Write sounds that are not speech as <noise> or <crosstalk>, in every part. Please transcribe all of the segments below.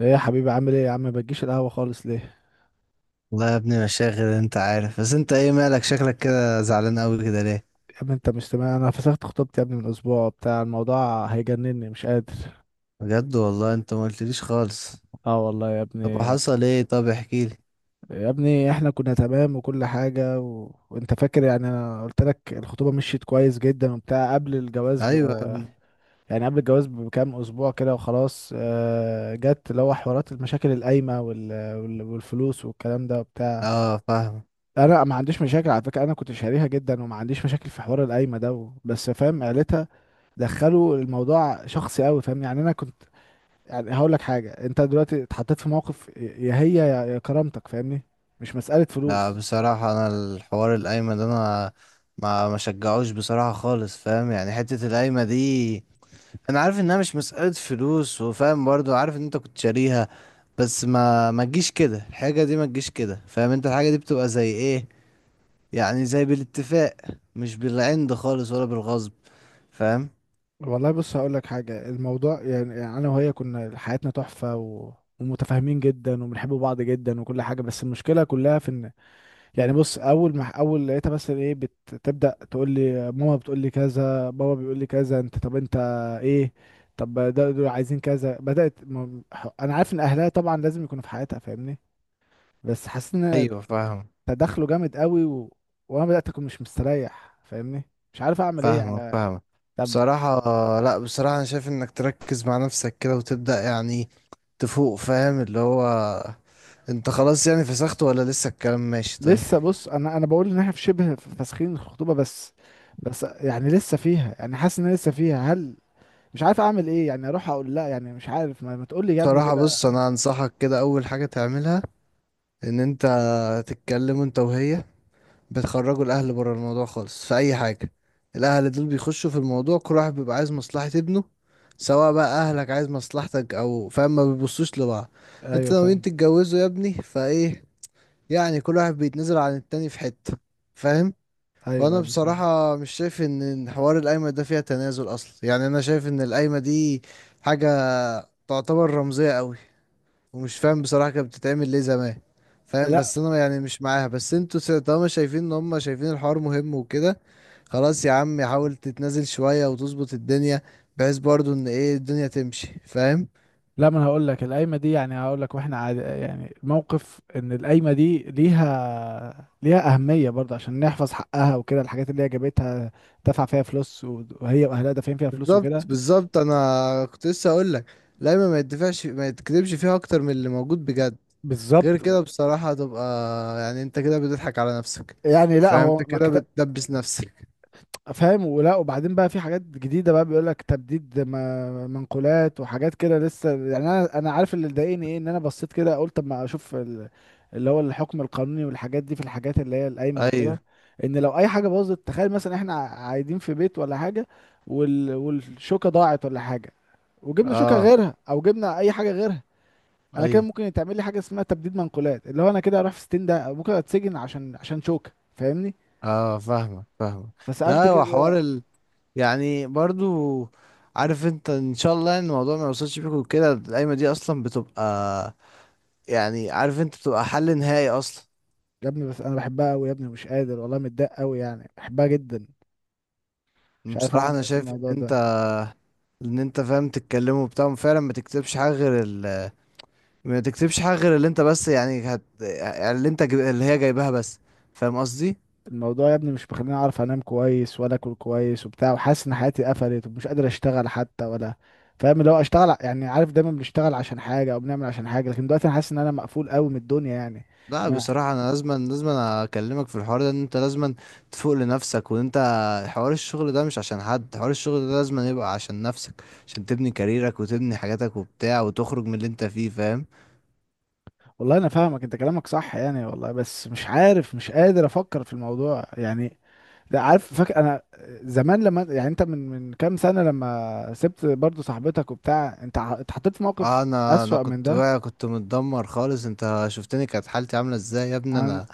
ايه يا حبيبي، عامل ايه يا عم؟ ما بتجيش القهوة خالص ليه؟ والله يا ابني، مشاغل، انت عارف. بس انت ايه مالك؟ شكلك كده زعلان قوي كده ليه؟ يا ابني انت مش تمام، انا فسخت خطوبتي يا ابني من اسبوع، بتاع الموضوع هيجنني مش قادر. بجد؟ والله انت ما قلتليش خالص. اه والله يا طب ابني. وحصل ايه؟ طب احكي لي. يا ابني احنا كنا تمام وكل حاجة وانت فاكر، يعني انا قلت لك الخطوبة مشيت كويس جدا وبتاع قبل الجواز ايوه يا ابني. يعني قبل الجواز بكام اسبوع كده وخلاص. جت اللي هو حوارات المشاكل القايمة والفلوس والكلام ده وبتاع. اه، فاهم. انا ما عنديش مشاكل على فكرة، انا كنت شاريها جدا وما عنديش مشاكل في حوار القايمة ده بس فاهم عيلتها دخلوا الموضوع شخصي قوي، فاهم؟ يعني انا كنت، يعني هقول لك حاجه، انت دلوقتي اتحطيت في موقف يا هي يا كرامتك، فاهمني؟ مش مساله لا فلوس. بصراحه، انا الحوار القايمه ده انا ما شجعوش بصراحه خالص. فاهم يعني؟ حته القايمه دي، انا عارف انها مش مساله فلوس، وفاهم برضو، عارف ان انت كنت شاريها. بس ما تجيش كده، الحاجه دي ما تجيش كده. فاهم؟ انت الحاجه دي بتبقى زي ايه؟ يعني زي بالاتفاق، مش بالعند خالص ولا بالغصب. فاهم؟ والله بص هقول لك حاجة، الموضوع يعني أنا وهي كنا حياتنا تحفة ومتفاهمين جدا وبنحب بعض جدا وكل حاجة، بس المشكلة كلها في إن، يعني بص أول ما أول لقيتها مثلا إيه بتبدأ تقول لي ماما بتقول لي كذا، بابا بيقول لي كذا، أنت طب أنت إيه، طب ده دول عايزين كذا. بدأت أنا عارف إن أهلها طبعا لازم يكونوا في حياتها، فاهمني؟ بس حاسس ان ايوه، فاهم. تدخله جامد قوي وانا بدات اكون مش مستريح، فاهمني؟ مش عارف اعمل ايه فاهمك، يعني. فاهمك. طب بصراحة، لا بصراحة انا شايف انك تركز مع نفسك كده وتبدأ يعني تفوق. فاهم؟ اللي هو، انت خلاص يعني فسخت ولا لسه الكلام ماشي؟ طيب. لسه، بص انا بقول ان احنا في شبه فاسخين الخطوبه، بس يعني لسه فيها، يعني حاسس ان أنا لسه فيها. هل مش عارف اعمل ايه يعني؟ اروح اقول لا؟ يعني مش عارف. ما تقول لي يا ابني بصراحة، كده. بص، انا انصحك كده، اول حاجة تعملها ان انت تتكلم انت وهي، بتخرجوا الاهل بره الموضوع خالص في اي حاجه. الاهل دول بيخشوا في الموضوع، كل واحد بيبقى عايز مصلحه ابنه، سواء بقى اهلك عايز مصلحتك او، فاهم؟ ما بيبصوش لبعض. انت ايوه ناويين فاهم. تتجوزوا يا ابني فايه؟ يعني كل واحد بيتنازل عن التاني في حته. فاهم؟ ايوه وانا ايوه فاهم. بصراحه مش شايف ان حوار القايمه ده فيها تنازل اصلا. يعني انا شايف ان القايمه دي حاجه تعتبر رمزيه قوي، ومش فاهم بصراحة كانت بتتعمل ليه زمان. فاهم؟ لا، بس انا يعني مش معاها، بس انتوا طالما شايفين ان هم شايفين الحوار مهم وكده، خلاص يا عم، حاول تتنازل شوية وتظبط الدنيا، بحيث برضو ان ايه الدنيا تمشي. فاهم؟ لا، ما انا هقول لك القايمه دي، يعني هقول لك، واحنا عاد يعني الموقف ان القايمه دي ليها اهميه برضه عشان نحفظ حقها وكده، الحاجات اللي هي جابتها دفع فيها فلوس وهي واهلها دافعين فيها فلوس بالظبط، وكده. بالظبط، انا كنت لسه اقول لك. لا، ما يدفعش، ما يتكذبش فيها اكتر من اللي موجود بجد. بالظبط. غير كده بصراحة تبقى، يعني انت كده بتضحك على نفسك. يعني لا، فاهم؟ انت هو ما كده كت... بتدبس نفسك. فاهم؟ ولا وبعدين بقى في حاجات جديده، بقى بيقول لك تبديد منقولات وحاجات كده لسه، يعني انا، عارف اللي ضايقني ايه؟ ان انا بصيت كده قلت اما اشوف اللي هو الحكم القانوني والحاجات دي في الحاجات اللي هي القايمه وكده. ايوه، ان لو اي حاجه باظت، تخيل مثلا احنا قاعدين في بيت ولا حاجه، والشوكه ضاعت ولا حاجه، وجبنا شوكه اه، غيرها او جبنا اي حاجه غيرها، انا كده ايوه، ممكن يتعمل لي حاجه اسمها تبديد منقولات، اللي هو انا كده اروح في ستين ده، ممكن اتسجن عشان شوكه، فاهمني؟ اه، فاهمك، فاهمك. فسألت لا، هو كده. حوار يعني برضو، عارف انت ان شاء الله ان الموضوع ما يوصلش بيكوا كده. القايمه دي اصلا بتبقى، يعني عارف انت، بتبقى حل نهائي اصلا. يا ابني بس انا بحبها قوي يا ابني، مش قادر والله، متضايق قوي، يعني بحبها جدا، مش عارف بصراحه اعمل انا ايه في شايف ان الموضوع انت، ده. ان انت، فاهم، تتكلموا وبتاع فعلا، ما تكتبش حاجه غير ما تكتبش حاجه غير اللي انت، بس يعني يعني اللي هي جايباها بس. فاهم قصدي؟ الموضوع يا ابني مش مخليني اعرف انام كويس ولا اكل كويس وبتاع، وحاسس ان حياتي قفلت ومش قادر اشتغل حتى ولا، فاهم؟ اللي هو اشتغل يعني عارف دايما بنشتغل عشان حاجه او بنعمل عشان حاجه، لكن دلوقتي انا حاسس ان انا مقفول قوي من الدنيا يعني. لا، انا بصراحة أنا لازم أكلمك في الحوار ده، إن أنت لازم تفوق لنفسك، وإن أنت حوار الشغل ده مش عشان حد، حوار الشغل ده لازم يبقى عشان نفسك، عشان تبني كاريرك وتبني حاجاتك وبتاع وتخرج من اللي أنت فيه. فاهم؟ والله انا فاهمك، انت كلامك صح يعني والله، بس مش عارف مش قادر افكر في الموضوع يعني. ده عارف، فاكر انا زمان لما، يعني انت من كام سنه لما سبت برضو صاحبتك وبتاع، انت اتحطيت في موقف آه، أنا اسوأ من كنت ده. واقع، كنت متدمر خالص. أنت شفتني كانت حالتي عاملة إزاي يا ابني. انا أنا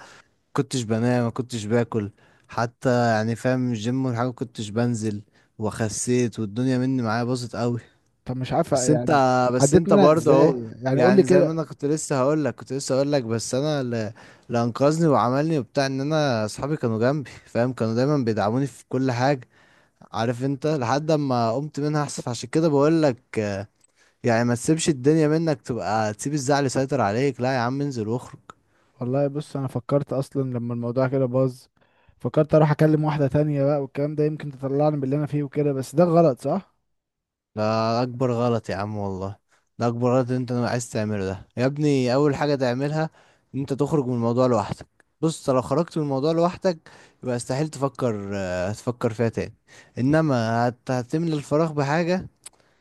كنتش بنام، ما كنتش باكل حتى، يعني فاهم، الجيم والحاجة ما كنتش بنزل، وخسيت، والدنيا مني معايا باظت أوي. طب مش عارف بس انت، يعني، بس عديت انت منها برضه اهو. ازاي يعني؟ قول لي يعني زي ما كده. انا كنت لسه هقول لك بس انا اللي انقذني وعملني وبتاع، ان انا اصحابي كانوا جنبي، فاهم، كانوا دايما بيدعموني في كل حاجه. عارف انت؟ لحد اما قمت منها احسن، عشان كده بقول لك. يعني ما تسيبش الدنيا منك، تبقى تسيب الزعل يسيطر عليك. لا يا عم، انزل واخرج. والله بص انا فكرت اصلا لما الموضوع كده باظ، فكرت اروح اكلم واحده تانية بقى والكلام ده، يمكن تطلعني من اللي انا فيه وكده، بس ده غلط صح؟ ده اكبر غلط يا عم والله. ده اكبر غلط إن انت عايز تعمله ده يا ابني. اول حاجه تعملها ان انت تخرج من الموضوع لوحدك. بص، أنت لو خرجت من الموضوع لوحدك يبقى استحيل تفكر، آه، هتفكر فيها تاني. انما هتملى الفراغ بحاجه،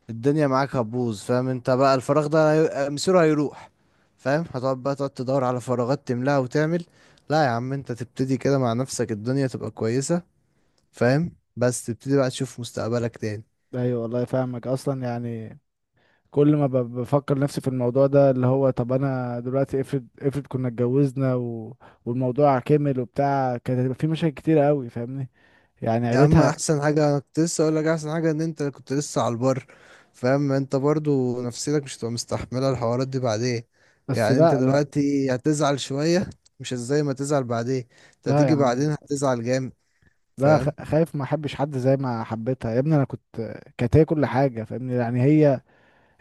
الدنيا معاك هتبوظ. فاهم؟ انت بقى الفراغ ده آه، مصيره هيروح. فاهم؟ هتقعد بقى، تقعد تدور على فراغات تملاها وتعمل. لا يا عم، انت تبتدي كده مع نفسك، الدنيا تبقى كويسه. فاهم؟ بس تبتدي بقى تشوف مستقبلك تاني. ايوه والله فاهمك اصلا يعني. كل ما بفكر نفسي في الموضوع ده، اللي هو طب انا دلوقتي افرض، افرض كنا اتجوزنا والموضوع كمل وبتاع، كانت هتبقى في مشاكل كتيرة قوي، فاهمني؟ يعني يا عم، عيلتها. احسن حاجة انا كنت لسه اقول لك، احسن حاجة ان انت كنت لسه على البر. فاهم؟ انت برضو نفسيتك مش هتبقى مستحملة الحوارات دي بعدين. بس يعني انت لا لا. دلوقتي هتزعل شوية، مش زي ما تزعل بعدين. انت لا يا هتيجي عم. بعدين هتزعل جامد. لا، فاهم؟ خايف ما احبش حد زي ما حبيتها يا ابني، انا كنت، كانت هي كل حاجة، فاهمني؟ يعني هي،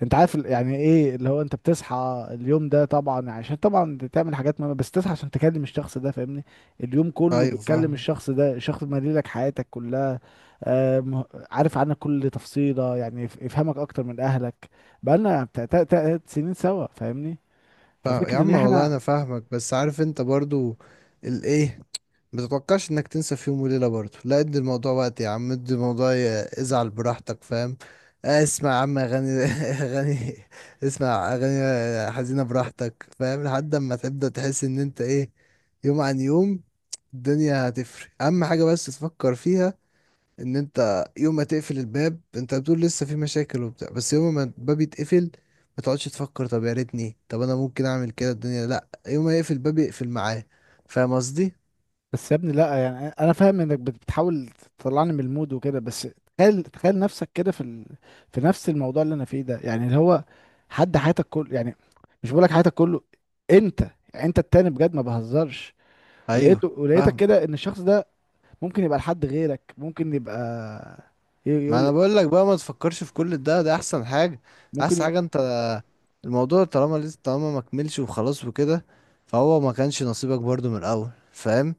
انت عارف يعني ايه اللي هو انت بتصحى اليوم ده طبعا عشان طبعا تعمل حاجات مهمة، بس تصحى عشان تكلم الشخص ده، فاهمني؟ اليوم كله ايوه، بتكلم فاهم. الشخص ده، الشخص ده مالي لك حياتك كلها. عارف عنك كل تفصيلة، يعني يفهمك اكتر من اهلك، بقالنا بتاع 3 سنين سوا، فاهمني؟ يا ففكرة ان عم والله احنا، انا فاهمك، بس عارف انت برضو الايه؟ متتوقعش انك تنسى في يوم وليلة برضه. لا، ادي الموضوع وقت يا عم، ادي الموضوع، ازعل براحتك. فاهم؟ آه، اسمع يا عم اغاني <laughs> اغاني. اسمع اغاني حزينة براحتك، فاهم؟ لحد اما تبدأ تحس ان انت ايه، يوم عن يوم الدنيا هتفرق. اهم حاجة بس تفكر فيها ان انت يوم ما تقفل الباب، انت بتقول لسه في مشاكل وبتاع، بس يوم ما الباب يتقفل ما تقعدش تفكر، طب يا ريتني، طب انا ممكن اعمل كده. الدنيا لا، يوم ما يقفل الباب يقفل معاه. فاهم قصدي؟ بس يا ابني لا يعني انا فاهم انك بتحاول تطلعني من المود وكده، بس تخيل، تخيل نفسك كده في في نفس الموضوع اللي انا فيه ده، يعني اللي هو حد حياتك كله يعني، مش بقولك حياتك كله انت، يعني انت التاني بجد ما بهزرش، ايوه، ولقيتك فاهم. كده ان الشخص ده ممكن يبقى لحد غيرك، ممكن يبقى ما يقول، انا بقول لك بقى، ما تفكرش في كل ده، ده احسن حاجه. ممكن احسن حاجه انت، الموضوع طالما ما كملش وخلاص وكده، فهو ما كانش نصيبك برضو من الاول. فاهم؟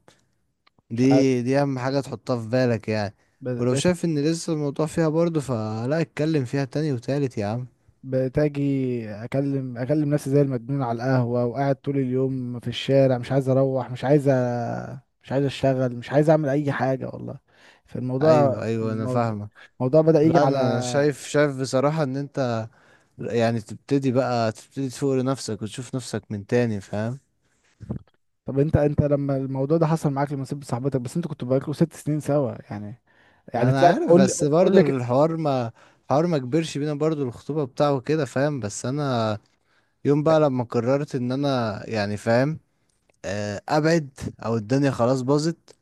مش دي دي اهم حاجه تحطها في بالك يعني. ولو عارف. شايف ان لسه الموضوع فيها برضو، فلا، اتكلم فيها تاني وتالت يا عم. بتاجي اكلم، نفسي زي المجنون على القهوة وقاعد طول اليوم في الشارع، مش عايز اروح، مش عايز مش عايز اشتغل، مش عايز اعمل اي حاجة والله. ايوه، فالموضوع ايوه، انا الموضوع فاهمك. الموضوع بدأ يجي لا، على. انا شايف بصراحه ان انت، يعني تبتدي تفوق لنفسك وتشوف نفسك من تاني. فاهم؟ طب انت، انت لما الموضوع ده حصل معاك لما سبت صاحبتك بس، انتوا كنتوا بقالكوا 6 سنين سوا يعني، يعني انا طلعت عارف، قول لي. بس قول برضو لك. الحوار ما كبرش بينا، برضو الخطوبة بتاعه كده، فاهم؟ بس انا يوم بقى لما قررت ان انا يعني، فاهم، آه، ابعد، او الدنيا خلاص باظت،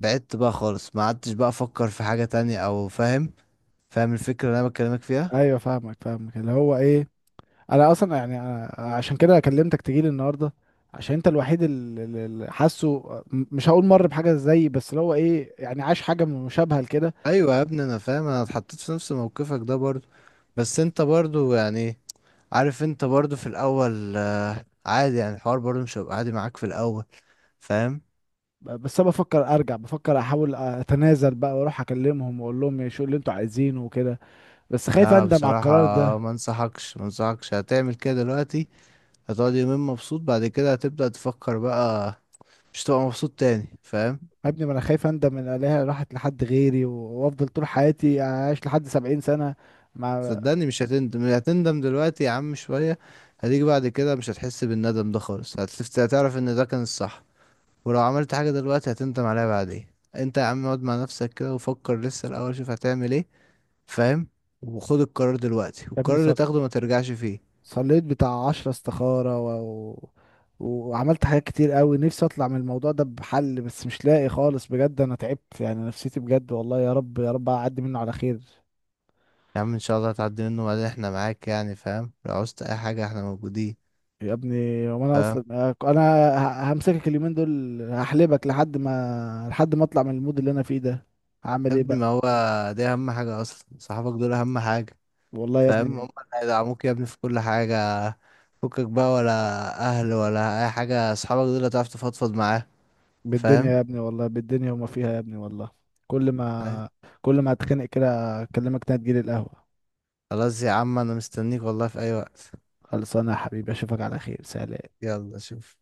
بعدت بقى خالص ما عدتش بقى افكر في حاجة تانية او، فاهم. فاهم الفكرة اللي انا بكلمك فيها؟ ايوه فاهمك فاهمك، اللي هو ايه، انا اصلا يعني أنا عشان كده كلمتك تجيلي النهارده، عشان انت الوحيد اللي حاسه، مش هقول مر بحاجه زيي، بس اللي هو ايه، يعني عاش حاجه مشابهه لكده. ايوه يا ابني، انا فاهم، انا اتحطيت في نفس موقفك ده برضو. بس انت برضو يعني، عارف انت برضو في الاول، آه، عادي، يعني الحوار برضو مش هيبقى عادي معاك في الاول. فاهم؟ بس انا بفكر ارجع، بفكر احاول اتنازل بقى واروح اكلمهم واقول لهم ايه، شو اللي انتوا عايزينه وكده، بس خايف لا اندم على بصراحة، القرار ده. ما انصحكش هتعمل كده دلوقتي. هتقعد يومين مبسوط، بعد كده هتبدأ تفكر بقى، مش هتبقى مبسوط تاني. فاهم؟ يا ابني ما انا خايف اندم ان الاقيها راحت لحد غيري وافضل طول حياتي اعيش لحد 70 سنه مع. صدقني مش هتندم، هتندم دلوقتي يا عم شوية، هتيجي بعد كده مش هتحس بالندم ده خالص. هتعرف ان ده كان الصح. ولو عملت حاجة دلوقتي هتندم عليها بعدين. انت يا عم، اقعد مع نفسك كده وفكر لسه الاول، شوف هتعمل ايه. فاهم؟ وخد القرار دلوقتي، يا ابني والقرار اللي تاخده ما ترجعش فيه. صليت بتاع 10 استخارة وعملت حاجات كتير قوي، نفسي اطلع من الموضوع ده بحل بس مش لاقي خالص بجد، انا تعبت يعني نفسيتي بجد والله، يا رب يا رب اعدي منه على خير. يا عم ان شاء الله هتعدي منه، وبعدين احنا معاك، يعني فاهم، لو عوزت اي حاجة احنا موجودين. يا ابني وانا فاهم؟ اصلا، انا همسكك اليومين دول، هحلبك لحد ما اطلع من المود اللي انا فيه ده، هعمل يا ايه ابني ما بقى؟ هو دي اهم حاجة اصلا، صحابك دول اهم حاجة. والله يا فاهم؟ هم ابني، اللي هيدعموك يا ابني في كل حاجة. فكك بقى، ولا اهل ولا اي حاجة، صحابك دول هتعرف تفضفض معاه. بالدنيا يا فاهم؟ ابني والله، بالدنيا وما فيها يا ابني والله. كل أيوة. ما كل ما اتخنق كده اكلمك تاني تجيلي القهوة. خلاص يا عم، انا مستنيك والله في اي وقت. خلصانه يا حبيبي، اشوفك على خير. سلام. يلا، شوف.